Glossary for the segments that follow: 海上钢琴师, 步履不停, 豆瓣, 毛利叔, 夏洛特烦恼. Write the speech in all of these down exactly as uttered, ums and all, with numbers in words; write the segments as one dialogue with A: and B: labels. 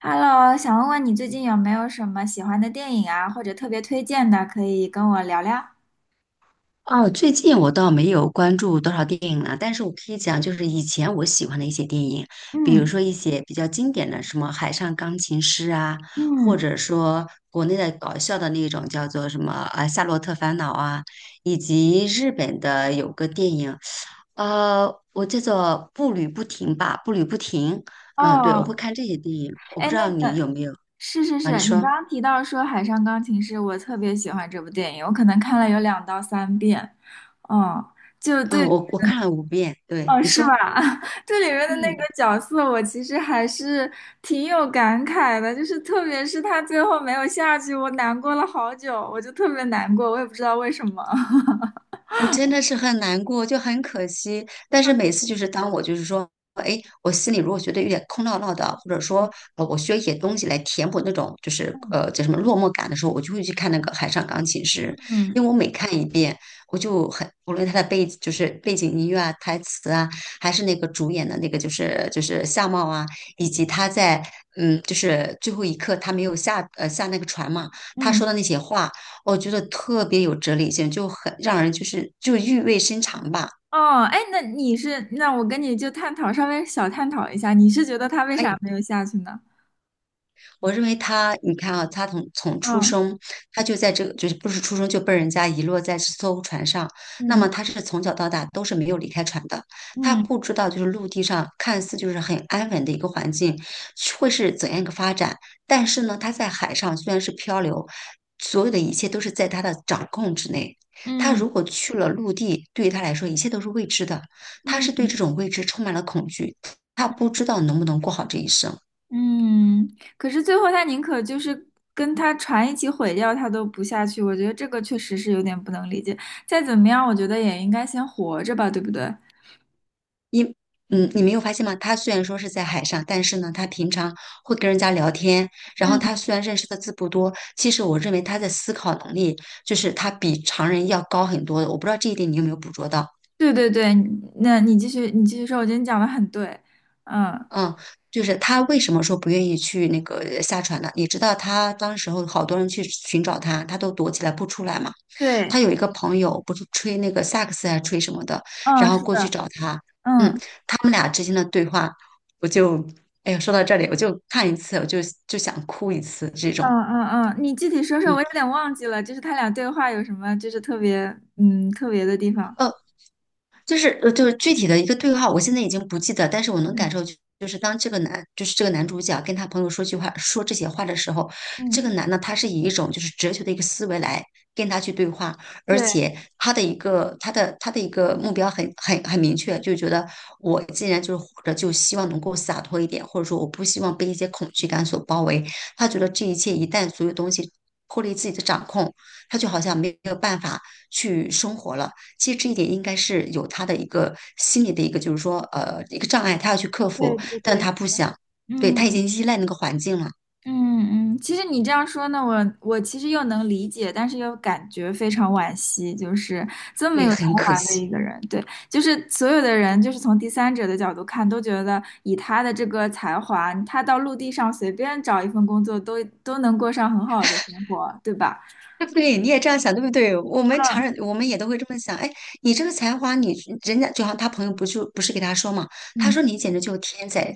A: Hello，想问问你最近有没有什么喜欢的电影啊，或者特别推荐的，可以跟我聊聊？
B: 哦，最近我倒没有关注多少电影了，但是我可以讲，就是以前我喜欢的一些电影，比如
A: 嗯
B: 说一些比较经典的，什么《海上钢琴师》啊，或
A: 嗯，
B: 者说国内的搞笑的那种叫做什么啊《夏洛特烦恼》啊，以及日本的有个电影，呃，我叫做《步履不停》吧，《步履不停》。嗯，对，我会
A: 哦，
B: 看这些电影，我不
A: 哎，
B: 知
A: 那
B: 道你
A: 个
B: 有没有
A: 是是
B: 啊？你
A: 是，你
B: 说，
A: 刚刚提到说《海上钢琴师》，我特别喜欢这部电影，我可能看了有两到三遍。哦，就
B: 嗯，
A: 对，
B: 我我看了五遍，对，
A: 哦，
B: 你
A: 是吧？
B: 说，
A: 这里面的那
B: 嗯。
A: 个角色，我其实还是挺有感慨的，就是特别是他最后没有下去，我难过了好久，我就特别难过，我也不知道为什么。
B: 我真的是很难过，就很可惜。但是每次就是当我就是说，哎，我心里如果觉得有点空落落的，或者说呃，我需要一些东西来填补那种就是呃叫什 么落寞感的时候，我就会去看那个《海上钢琴师》，
A: 嗯
B: 因为我每看一遍，我就很无论它的背就是背景音乐啊、台词啊，还是那个主演的那个就是就是相貌啊，以及他在嗯就是最后一刻他没有下呃下那个船嘛，他
A: 嗯。
B: 说的那些话。我觉得特别有哲理性，就很让人就是就意味深长吧。
A: 哦，哎，那你是，那我跟你就探讨，稍微小探讨一下，你是觉得他为
B: 可
A: 啥
B: 以。
A: 没有下去呢？
B: 我认为他，你看啊，他从从出
A: 嗯
B: 生，他就在这个，就是不是出生就被人家遗落在这艘船上。那
A: 嗯
B: 么他是从小到大都是没有离开船的，他
A: 嗯
B: 不知道就是陆地上看似就是很安稳的一个环境会是怎样一个发展，但是呢，他在海上虽然是漂流，所有的一切都是在他的掌控之内。他
A: 嗯
B: 如果去了陆地，对于他来说一切都是未知的，他是对
A: 嗯
B: 这种未知充满了恐惧，他不知道能不能过好这一生。
A: 嗯，可是最后他宁可就是跟他船一起毁掉，他都不下去，我觉得这个确实是有点不能理解。再怎么样，我觉得也应该先活着吧，对不对？
B: 因嗯，你没有发现吗？他虽然说是在海上，但是呢，他平常会跟人家聊天，然
A: 嗯，
B: 后他虽然认识的字不多，其实我认为他的思考能力就是他比常人要高很多的。我不知道这一点你有没有捕捉到？
A: 对对对，那你继续，你继续说，我觉得你讲的很对。嗯，
B: 嗯，就是他为什么说不愿意去那个下船呢？你知道他当时候好多人去寻找他，他都躲起来不出来嘛。他
A: 对，
B: 有一个朋友不是吹那个萨克斯还是吹什么的，然
A: 嗯，
B: 后
A: 是
B: 过去
A: 的，
B: 找他，嗯，
A: 嗯。
B: 他们俩之间的对话，我就，哎呀，说到这里，我就看一次，我就就想哭一次这
A: 嗯
B: 种，
A: 嗯嗯，你具体说说，
B: 嗯，
A: 我有点忘记了，就是他俩对话有什么，就是特别嗯特别的地方。
B: 呃，就是呃，就是具体的一个对话，我现在已经不记得，但是我能感
A: 嗯
B: 受就，是当这个男，就是这个男主角跟他朋友说句话，说这些话的时候，这个
A: 嗯，
B: 男的他是以一种就是哲学的一个思维来跟他去对话，而
A: 对
B: 且他的一个他的他的一个目标很很很明确，就觉得我既然就是活着，就希望能够洒脱一点，或者说我不希望被一些恐惧感所包围。他觉得这一切一旦所有东西脱离自己的掌控，他就好像没有办法去生活了。其实这一点应该是有他的一个心理的一个，就是说，呃，一个障碍，他要去克
A: 对
B: 服，
A: 对
B: 但
A: 对，
B: 他不想，对，他已
A: 嗯
B: 经依赖那个环境了，
A: 嗯嗯，其实你这样说呢，我我其实又能理解，但是又感觉非常惋惜，就是这
B: 所
A: 么
B: 以
A: 有才
B: 很可
A: 华的一
B: 惜。
A: 个人，对，就是所有的人，就是从第三者的角度看，都觉得以他的这个才华，他到陆地上随便找一份工作都都能过上很好的生活，对吧？
B: 对，你也这样想，对不对？我们常人，我们也都会这么想。哎，你这个才华，你人家就好像他朋友不就不是给他说嘛，他
A: 嗯
B: 说你简直就是天才，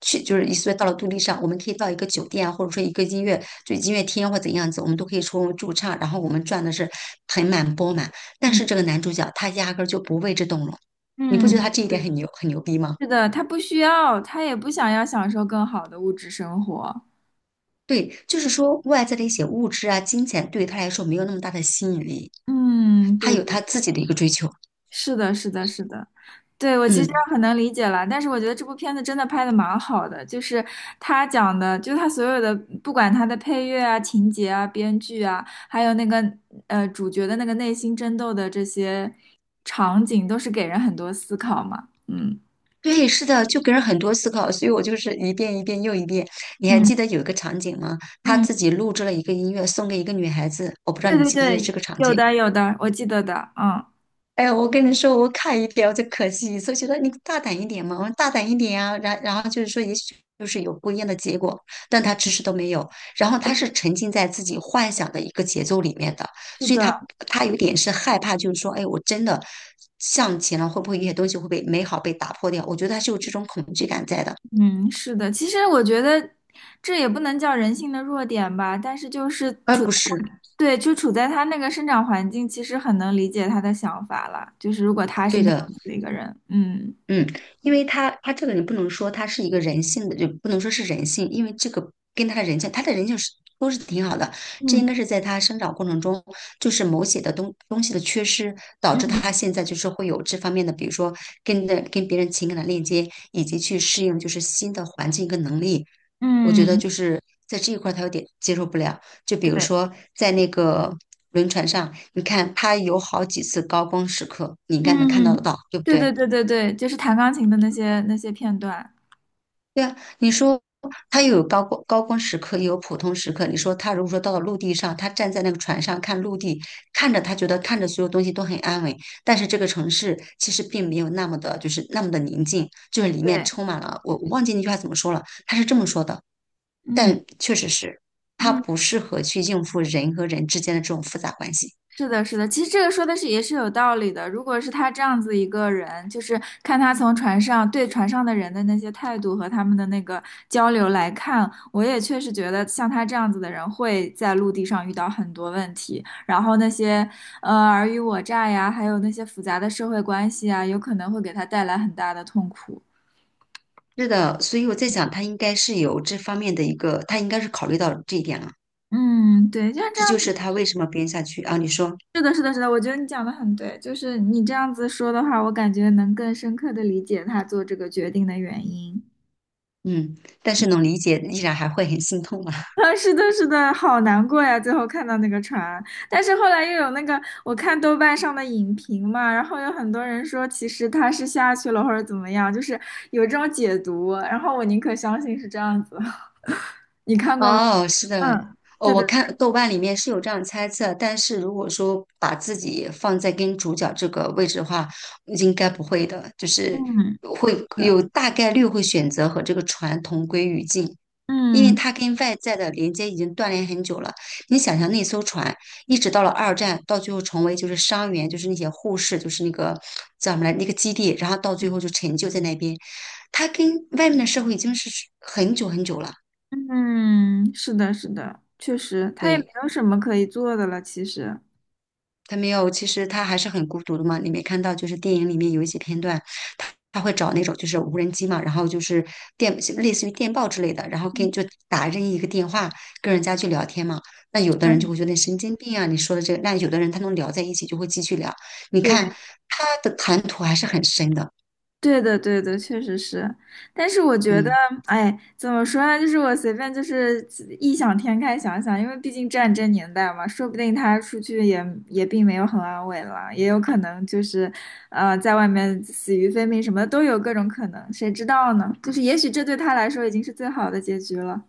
B: 去就是一岁到了独立上，我们可以到一个酒店啊，或者说一个音乐就音乐厅或怎样子，我们都可以出驻唱，然后我们赚的是盆满钵满。但
A: 嗯嗯。
B: 是这个男主角他压根儿就不为之动容，你不觉得他
A: 嗯
B: 这一点很牛很牛逼吗？
A: 是的，他不需要，他也不想要享受更好的物质生活。
B: 对，就是说外在的一些物质啊、金钱对于他来说没有那么大的吸引力，
A: 嗯，
B: 他
A: 对
B: 有
A: 的，
B: 他自己的一个追求。
A: 是的，是的，是的，对，我其实
B: 嗯。
A: 很能理解了，但是我觉得这部片子真的拍的蛮好的，就是他讲的，就是他所有的，不管他的配乐啊、情节啊、编剧啊，还有那个呃主角的那个内心争斗的这些场景，都是给人很多思考嘛。嗯
B: 对，是的，就给人很多思考，所以我就是一遍一遍又一遍。你还
A: 嗯
B: 记得有一个场景吗？他
A: 嗯，
B: 自己录制了一个音乐，送给一个女孩子，我不知道
A: 对
B: 你
A: 对
B: 记不记得这
A: 对，
B: 个场
A: 有
B: 景。
A: 的有的，我记得的，嗯，
B: 哎呀，我跟你说，我看一遍我就可惜所以觉得你大胆一点嘛，我说大胆一点啊。然然后就是说，也许就是有不一样的结果，但他迟迟都没有。然后他是沉浸在自己幻想的一个节奏里面的，
A: 是
B: 所以
A: 的。
B: 他他有点是害怕，就是说，哎，我真的向前了，会不会有些东西会被美好被打破掉？我觉得他是有这种恐惧感在的。
A: 嗯，是的，其实我觉得这也不能叫人性的弱点吧，但是就是
B: 哎，
A: 处
B: 不
A: 在
B: 是，
A: 对，就处在他那个生长环境，其实很能理解他的想法了。就是如果他是
B: 对
A: 那
B: 的，
A: 样子的一个人，嗯
B: 嗯，因为他他这个你不能说他是一个人性的，就不能说是人性，因为这个跟他的人性，他的人性是都是挺好的。这应
A: 嗯
B: 该是在他生长过程中，就是某些的东东西的缺失，导致
A: 嗯
B: 他现在就是会有这方面的，比如说跟的跟别人情感的链接，以及去适应就是新的环境跟能力。我觉得
A: 嗯，
B: 就是在这一块儿他有点接受不了。就比如
A: 对，
B: 说在那个轮船上，你看他有好几次高光时刻，你应该能看到
A: 嗯，
B: 得到，对不
A: 对对
B: 对？
A: 对对对，就是弹钢琴的那些那些片段，
B: 对啊，你说他又有高光高光时刻，也有普通时刻。你说他如果说到了陆地上，他站在那个船上看陆地，看着他觉得看着所有东西都很安稳，但是这个城市其实并没有那么的，就是那么的宁静，就是里面
A: 对，
B: 充满了我我忘记那句话怎么说了，他是这么说的，
A: 嗯
B: 但确实是他
A: 嗯。
B: 不适合去应付人和人之间的这种复杂关系。
A: 是的，是的，其实这个说的是也是有道理的。如果是他这样子一个人，就是看他从船上对船上的人的那些态度和他们的那个交流来看，我也确实觉得像他这样子的人会在陆地上遇到很多问题，然后那些呃尔虞我诈呀，还有那些复杂的社会关系啊，有可能会给他带来很大的痛苦。
B: 是的，所以我在想，他应该是有这方面的一个，他应该是考虑到这一点了。
A: 嗯，对，像这
B: 这
A: 样
B: 就
A: 子，
B: 是他为什么编下去啊？你说。
A: 是的，是的，是的，我觉得你讲的很对，就是你这样子说的话，我感觉能更深刻的理解他做这个决定的原因。
B: 嗯，但是能理解，依然还会很心痛啊。
A: 啊，是的，是的，好难过呀！最后看到那个船，但是后来又有那个，我看豆瓣上的影评嘛，然后有很多人说其实他是下去了或者怎么样，就是有这种解读，然后我宁可相信是这样子。你看过吗？
B: 哦，是的，
A: 嗯
B: 哦，
A: 对对，
B: 我看豆瓣里面是有这样猜测，但是如果说把自己放在跟主角这个位置的话，应该不会的，就是
A: 嗯，
B: 会
A: 是，
B: 有大概率会选择和这个船同归于尽。因为
A: 嗯
B: 它跟外在的连接已经断联很久了。你想想，那艘船一直到了二战，到最后成为就是伤员，就是那些护士，就是那个叫什么来那个基地，然后到最后就陈旧在那边。它跟外面的社会已经是很久很久了，
A: 嗯，是的，是的，确实，他也没
B: 对。
A: 有什么可以做的了，其实。
B: 他没有，其实他还是很孤独的嘛。你没看到，就是电影里面有一些片段，他他会找那种就是无人机嘛，然后就是电类似于电报之类的，然后
A: 嗯，
B: 跟就打任意一个电话跟人家去聊天嘛。那有的
A: 是
B: 人就
A: 的
B: 会觉得神经病啊，你说的这个。那有的人他能聊在一起，就会继续聊。你
A: 对。
B: 看他的谈吐还是很深的，
A: 对的，对的，确实是，但是我觉得，
B: 嗯。
A: 哎，怎么说呢？就是我随便就是异想天开想想，因为毕竟战争年代嘛，说不定他出去也也并没有很安稳了，也有可能就是，呃，在外面死于非命什么的都有各种可能，谁知道呢？就是也许这对他来说已经是最好的结局了。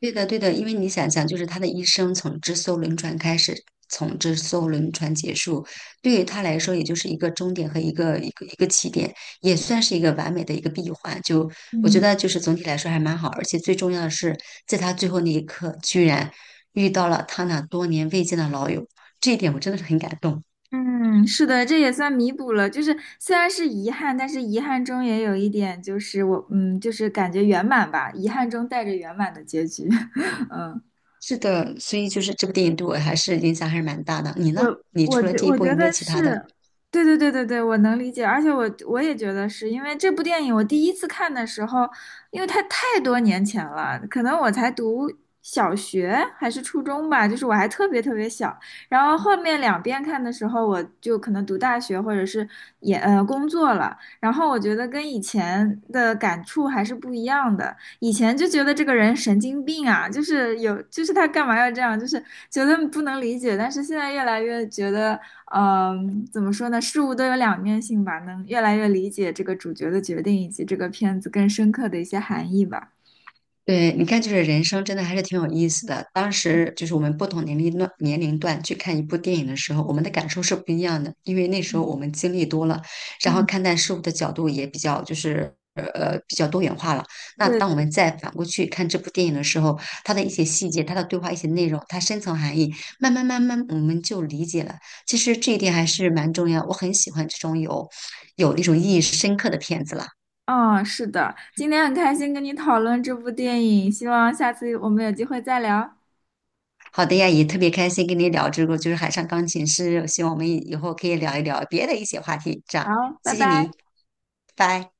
B: 对的，对的，因为你想想，就是他的一生从这艘轮船开始，从这艘轮船结束，对于他来说，也就是一个终点和一个一个一个起点，也算是一个完美的一个闭环。就我觉
A: 嗯。
B: 得，就是总体来说还蛮好，而且最重要的是，在他最后那一刻，居然遇到了他那多年未见的老友，这一点我真的是很感动。
A: 嗯，是的，这也算弥补了。就是虽然是遗憾，但是遗憾中也有一点，就是我，嗯，就是感觉圆满吧，遗憾中带着圆满的结局。嗯。
B: 是的，所以就是这部电影对我还是影响还是蛮大的。你呢？
A: 我
B: 你
A: 我
B: 除了
A: 觉
B: 这一
A: 我
B: 部，
A: 觉
B: 有没有
A: 得
B: 其他的？
A: 是，对对对对对，我能理解，而且我我也觉得是因为这部电影，我第一次看的时候，因为它太多年前了，可能我才读小学还是初中吧，就是我还特别特别小。然后后面两遍看的时候，我就可能读大学或者是也呃工作了，然后我觉得跟以前的感触还是不一样的。以前就觉得这个人神经病啊，就是有，就是他干嘛要这样，就是觉得不能理解。但是现在越来越觉得，嗯、怎么说呢，事物都有两面性吧，能越来越理解这个主角的决定以及这个片子更深刻的一些含义吧。
B: 对，你看，就是人生真的还是挺有意思的。当时就是我们不同年龄段年龄段去看一部电影的时候，我们的感受是不一样的，因为那时候
A: 嗯，
B: 我们经历多了，然后
A: 嗯，
B: 看待事物的角度也比较就是呃比较多元化了。那
A: 对
B: 当我
A: 的，
B: 们再反过去看这部电影的时候，它的一些细节、它的对话、一些内容、它深层含义，慢慢慢慢我们就理解了。其实这一点还是蛮重要，我很喜欢这种有有那种意义深刻的片子了。
A: 嗯，是的，今天很开心跟你讨论这部电影，希望下次我们有机会再聊。
B: 好的呀，也特别开心跟你聊这个，就是海上钢琴师，希望我们以以后可以聊一聊别的一些话题。这样，
A: 好，拜
B: 谢谢
A: 拜。
B: 你，拜。